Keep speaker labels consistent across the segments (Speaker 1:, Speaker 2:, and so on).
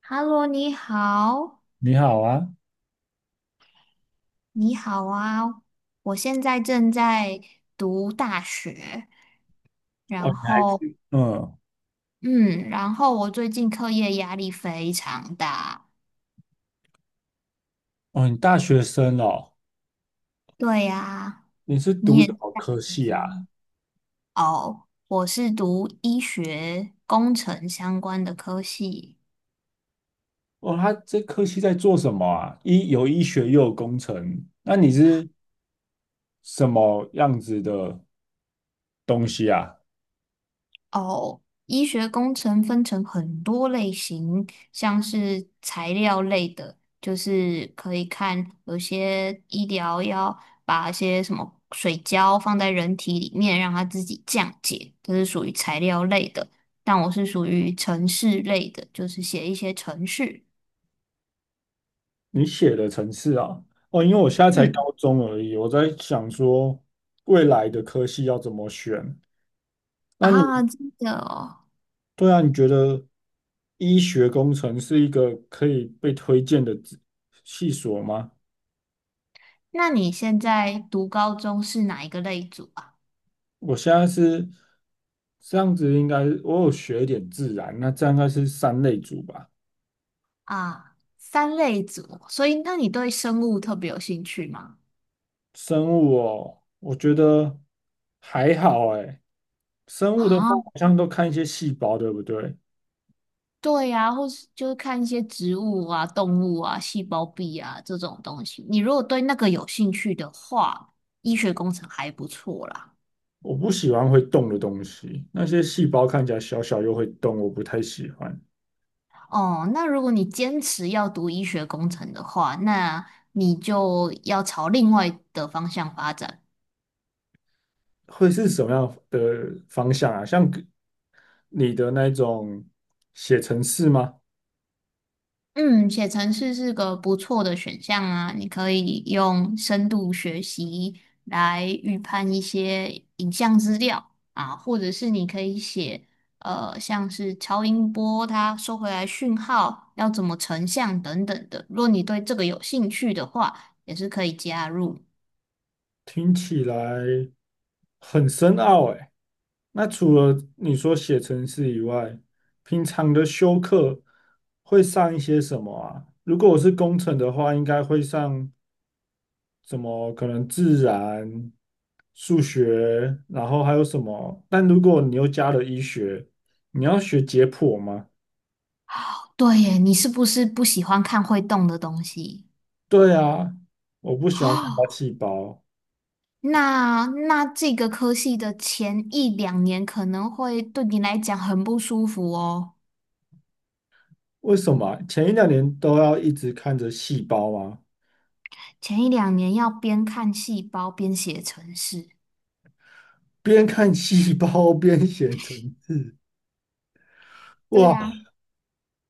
Speaker 1: Hello，你好，
Speaker 2: 你好啊。
Speaker 1: 你好啊！我现在正在读大学，
Speaker 2: 哦，
Speaker 1: 然
Speaker 2: 你还
Speaker 1: 后，
Speaker 2: 是嗯，
Speaker 1: 嗯，然后我最近课业压力非常大。
Speaker 2: 哦，你大学生哦，
Speaker 1: 对呀，
Speaker 2: 你是
Speaker 1: 你
Speaker 2: 读
Speaker 1: 也是
Speaker 2: 什么
Speaker 1: 大
Speaker 2: 科
Speaker 1: 学
Speaker 2: 系啊？
Speaker 1: 生哦，我是读医学工程相关的科系。
Speaker 2: 哦，他这科系在做什么啊？医有医学又有工程，那你是什么样子的东西啊？
Speaker 1: 哦，医学工程分成很多类型，像是材料类的，就是可以看有些医疗要把一些什么水胶放在人体里面，让它自己降解，这是属于材料类的。但我是属于程式类的，就是写一些程序。
Speaker 2: 你写的程式啊？哦，因为我现在才
Speaker 1: 嗯，
Speaker 2: 高中而已，我在想说未来的科系要怎么选。那你
Speaker 1: 啊，真的哦。
Speaker 2: 对啊，你觉得医学工程是一个可以被推荐的职系所吗？
Speaker 1: 那你现在读高中是哪一个类组啊？
Speaker 2: 我现在是这样子，应该我有学一点自然，那这样应该是三类组吧。
Speaker 1: 啊，三类组，所以那你对生物特别有兴趣吗？
Speaker 2: 生物哦，我觉得还好诶。生物的话，
Speaker 1: 啊，
Speaker 2: 好像都看一些细胞，对不对？
Speaker 1: 对呀、或是就是看一些植物啊、动物啊、细胞壁啊这种东西。你如果对那个有兴趣的话，医学工程还不错啦。
Speaker 2: 我不喜欢会动的东西，那些细胞看起来小小又会动，我不太喜欢。
Speaker 1: 哦，那如果你坚持要读医学工程的话，那你就要朝另外的方向发展。
Speaker 2: 会是什么样的方向啊？像你的那种写程式吗？
Speaker 1: 嗯，写程式是个不错的选项啊，你可以用深度学习来预判一些影像资料啊，或者是你可以写像是超音波它收回来讯号要怎么成像等等的。如果你对这个有兴趣的话，也是可以加入。
Speaker 2: 听起来很深奥诶。那除了你说写程式以外，平常的修课会上一些什么啊？如果我是工程的话，应该会上什么？可能自然、数学，然后还有什么？但如果你又加了医学，你要学解剖吗？
Speaker 1: 对耶，你是不是不喜欢看会动的东西？
Speaker 2: 对啊，我不 喜欢看到
Speaker 1: 哦，
Speaker 2: 细胞。
Speaker 1: 那这个科系的前一两年可能会对你来讲很不舒服哦。
Speaker 2: 为什么啊前一两年都要一直看着细胞吗？
Speaker 1: 前一两年要边看细胞边写程式。
Speaker 2: 边看细胞 边写程式
Speaker 1: 对
Speaker 2: 哇，
Speaker 1: 呀、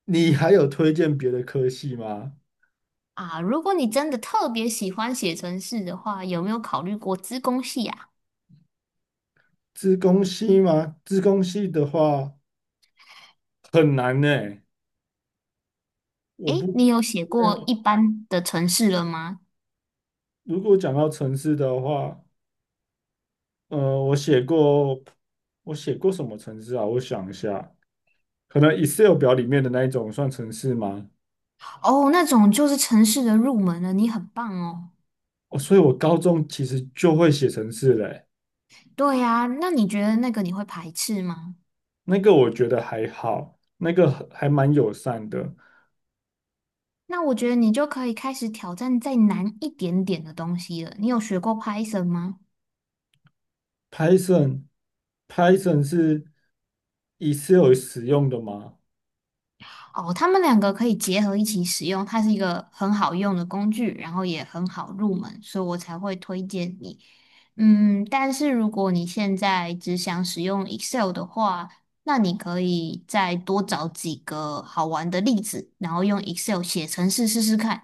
Speaker 2: 你还有推荐别的科系吗？
Speaker 1: 啊。如果你真的特别喜欢写程式的话，有没有考虑过资工系啊？
Speaker 2: 资工系吗？资工系的话很难呢、我
Speaker 1: 诶，
Speaker 2: 不，
Speaker 1: 你有写
Speaker 2: 没
Speaker 1: 过
Speaker 2: 有。
Speaker 1: 一般的城市了吗？
Speaker 2: 如果讲到城市的话，我写过，我写过什么城市啊？我想一下，可能 Excel 表里面的那一种算城市吗？
Speaker 1: 哦，那种就是城市的入门了，你很棒哦。
Speaker 2: 哦，所以我高中其实就会写城市嘞、
Speaker 1: 对呀，那你觉得那个你会排斥吗？
Speaker 2: 那个我觉得还好，那个还蛮友善的。
Speaker 1: 那我觉得你就可以开始挑战再难一点点的东西了。你有学过 Python 吗？
Speaker 2: Python， Python 是 Excel 使用的吗？
Speaker 1: 哦，他们两个可以结合一起使用，它是一个很好用的工具，然后也很好入门，所以我才会推荐你。嗯，但是如果你现在只想使用 Excel 的话，那你可以再多找几个好玩的例子，然后用 Excel 写程式试试看。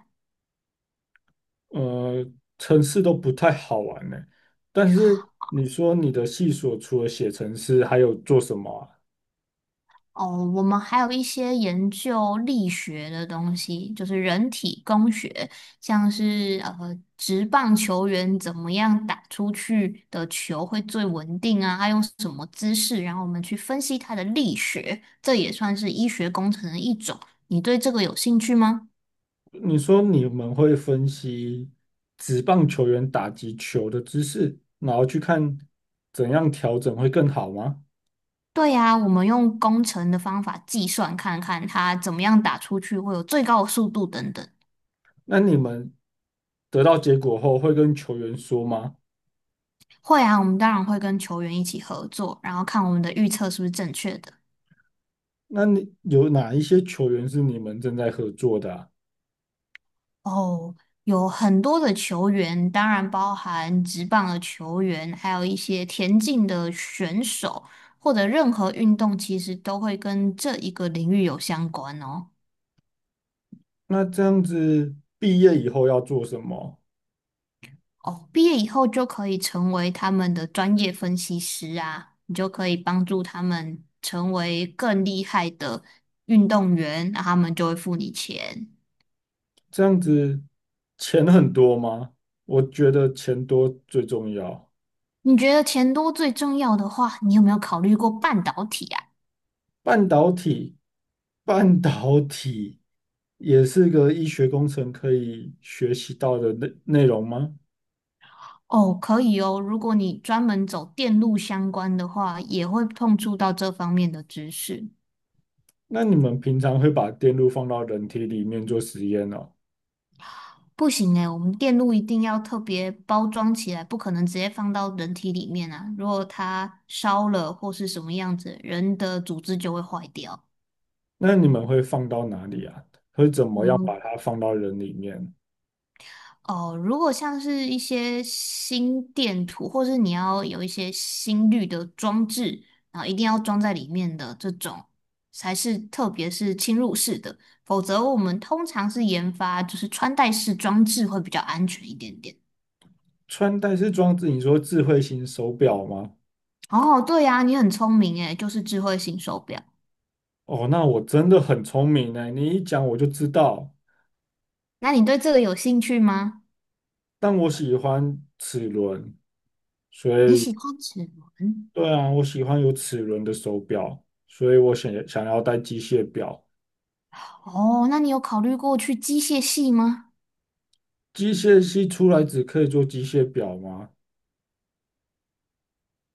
Speaker 2: 呃，程式都不太好玩呢、但是你说你的系所除了写程式，还有做什么啊？
Speaker 1: 哦，我们还有一些研究力学的东西，就是人体工学，像是职棒球员怎么样打出去的球会最稳定啊，他用什么姿势，然后我们去分析他的力学，这也算是医学工程的一种。你对这个有兴趣吗？
Speaker 2: 你说你们会分析职棒球员打击球的姿势，然后去看怎样调整会更好吗？
Speaker 1: 对呀，我们用工程的方法计算，看看他怎么样打出去会有最高的速度等等。
Speaker 2: 那你们得到结果后会跟球员说吗？
Speaker 1: 会啊，我们当然会跟球员一起合作，然后看我们的预测是不是正确的。
Speaker 2: 那你有哪一些球员是你们正在合作的啊？
Speaker 1: 哦，有很多的球员，当然包含职棒的球员，还有一些田径的选手，或者任何运动，其实都会跟这一个领域有相关哦。
Speaker 2: 那这样子毕业以后要做什么？
Speaker 1: 哦，毕业以后就可以成为他们的专业分析师啊，你就可以帮助他们成为更厉害的运动员，那他们就会付你钱。
Speaker 2: 这样子钱很多吗？我觉得钱多最重要。
Speaker 1: 你觉得钱多最重要的话，你有没有考虑过半导体啊？
Speaker 2: 半导体，半导体也是个医学工程可以学习到的内容吗？
Speaker 1: 哦，可以哦。如果你专门走电路相关的话，也会碰触到这方面的知识。
Speaker 2: 那你们平常会把电路放到人体里面做实验哦？
Speaker 1: 不行诶，我们电路一定要特别包装起来，不可能直接放到人体里面啊。如果它烧了或是什么样子，人的组织就会坏掉。
Speaker 2: 那你们会放到哪里啊？会怎
Speaker 1: 我
Speaker 2: 么样
Speaker 1: 们
Speaker 2: 把它放到人里面？
Speaker 1: 哦，如果像是一些心电图，或是你要有一些心率的装置，然后一定要装在里面的这种，才是特别是侵入式的，否则我们通常是研发就是穿戴式装置会比较安全一点点。
Speaker 2: 穿戴式装置，你说智慧型手表吗？
Speaker 1: 哦，对呀，你很聪明诶，就是智慧型手表。
Speaker 2: 哦，那我真的很聪明呢，你一讲我就知道。
Speaker 1: 那你对这个有兴趣吗？
Speaker 2: 但我喜欢齿轮，所
Speaker 1: 你喜
Speaker 2: 以
Speaker 1: 欢齿轮？
Speaker 2: 对啊，我喜欢有齿轮的手表，所以我想要戴机械表。
Speaker 1: 哦，那你有考虑过去机械系吗？
Speaker 2: 机械系出来只可以做机械表吗？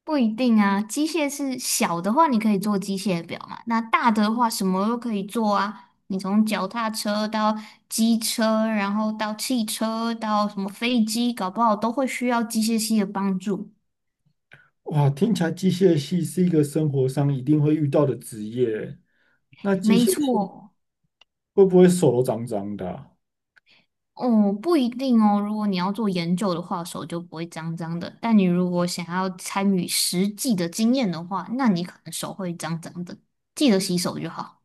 Speaker 1: 不一定啊，机械是小的话，你可以做机械表嘛。那大的话，什么都可以做啊。你从脚踏车到机车，然后到汽车，到什么飞机，搞不好都会需要机械系的帮助。
Speaker 2: 哇，听起来机械系是一个生活上一定会遇到的职业。那机
Speaker 1: 没
Speaker 2: 械系
Speaker 1: 错，
Speaker 2: 会不会手都脏脏的啊
Speaker 1: 哦，不一定哦。如果你要做研究的话，手就不会脏脏的。但你如果想要参与实际的经验的话，那你可能手会脏脏的。记得洗手就好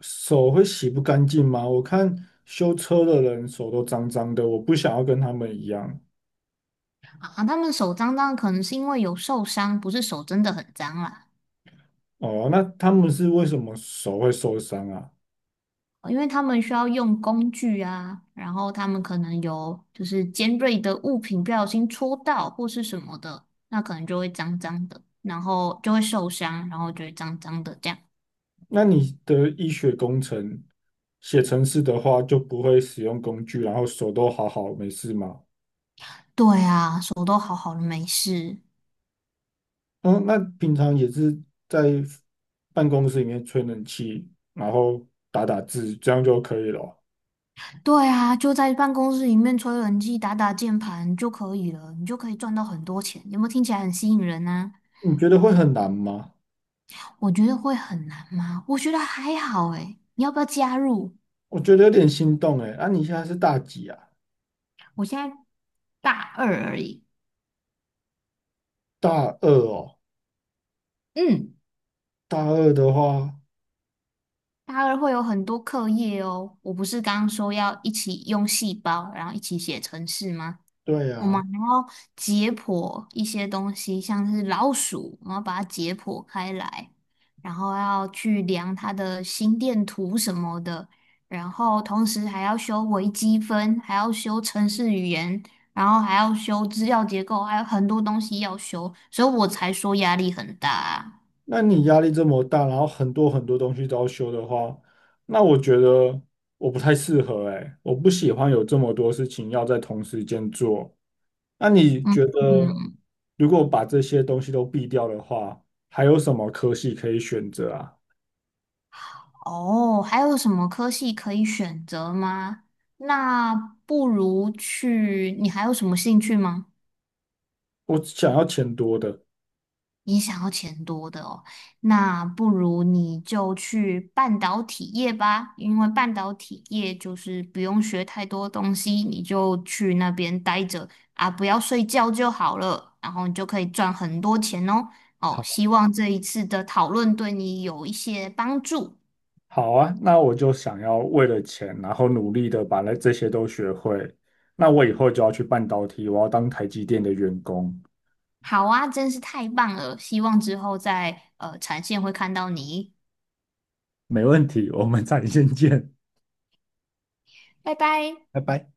Speaker 2: 手会洗不干净吗？我看修车的人手都脏脏的，我不想要跟他们一样。
Speaker 1: 啊。他们手脏脏，可能是因为有受伤，不是手真的很脏啦。
Speaker 2: 哦，那他们是为什么手会受伤啊？
Speaker 1: 因为他们需要用工具啊，然后他们可能有就是尖锐的物品不小心戳到或是什么的，那可能就会脏脏的，然后就会受伤，然后就会脏脏的这样。
Speaker 2: 那你的医学工程写程式的话，就不会使用工具，然后手都好好没事吗？
Speaker 1: 对啊，手都好好的没事。
Speaker 2: 嗯，那平常也是在办公室里面吹冷气，然后打打字，这样就可以了哦。
Speaker 1: 对啊，就在办公室里面吹冷气、打打键盘就可以了，你就可以赚到很多钱。有没有听起来很吸引人啊？
Speaker 2: 你觉得会很难吗？
Speaker 1: 我觉得会很难吗？我觉得还好诶，你要不要加入？
Speaker 2: 我觉得有点心动诶。那、你现在是大几啊？
Speaker 1: 我现在大二而已。
Speaker 2: 大二哦。
Speaker 1: 嗯。
Speaker 2: 大二的话，
Speaker 1: 大二会有很多课业哦，我不是刚刚说要一起用细胞，然后一起写程式吗？
Speaker 2: 对
Speaker 1: 我们
Speaker 2: 呀、
Speaker 1: 还要解剖一些东西，像是老鼠，我们要把它解剖开来，然后要去量它的心电图什么的，然后同时还要修微积分，还要修程式语言，然后还要修资料结构，还有很多东西要修，所以我才说压力很大啊。
Speaker 2: 那你压力这么大，然后很多很多东西都要修的话，那我觉得我不太适合哎，我不喜欢有这么多事情要在同时间做。那你
Speaker 1: 嗯
Speaker 2: 觉得，
Speaker 1: 嗯。
Speaker 2: 如果把这些东西都避掉的话，还有什么科系可以选择啊？
Speaker 1: 哦，还有什么科系可以选择吗？那不如去，你还有什么兴趣吗？
Speaker 2: 我想要钱多的。
Speaker 1: 你想要钱多的哦，那不如你就去半导体业吧，因为半导体业就是不用学太多东西，你就去那边待着啊，不要睡觉就好了，然后你就可以赚很多钱哦。哦，
Speaker 2: 好，
Speaker 1: 希望这一次的讨论对你有一些帮助。
Speaker 2: 好啊，那我就想要为了钱，然后努力的把那这些都学会。那我以后就要去半导体，我要当台积电的员工。
Speaker 1: 好啊，真是太棒了！希望之后在产线会看到你，
Speaker 2: 没问题，我们再见见。
Speaker 1: 拜拜。
Speaker 2: 拜拜。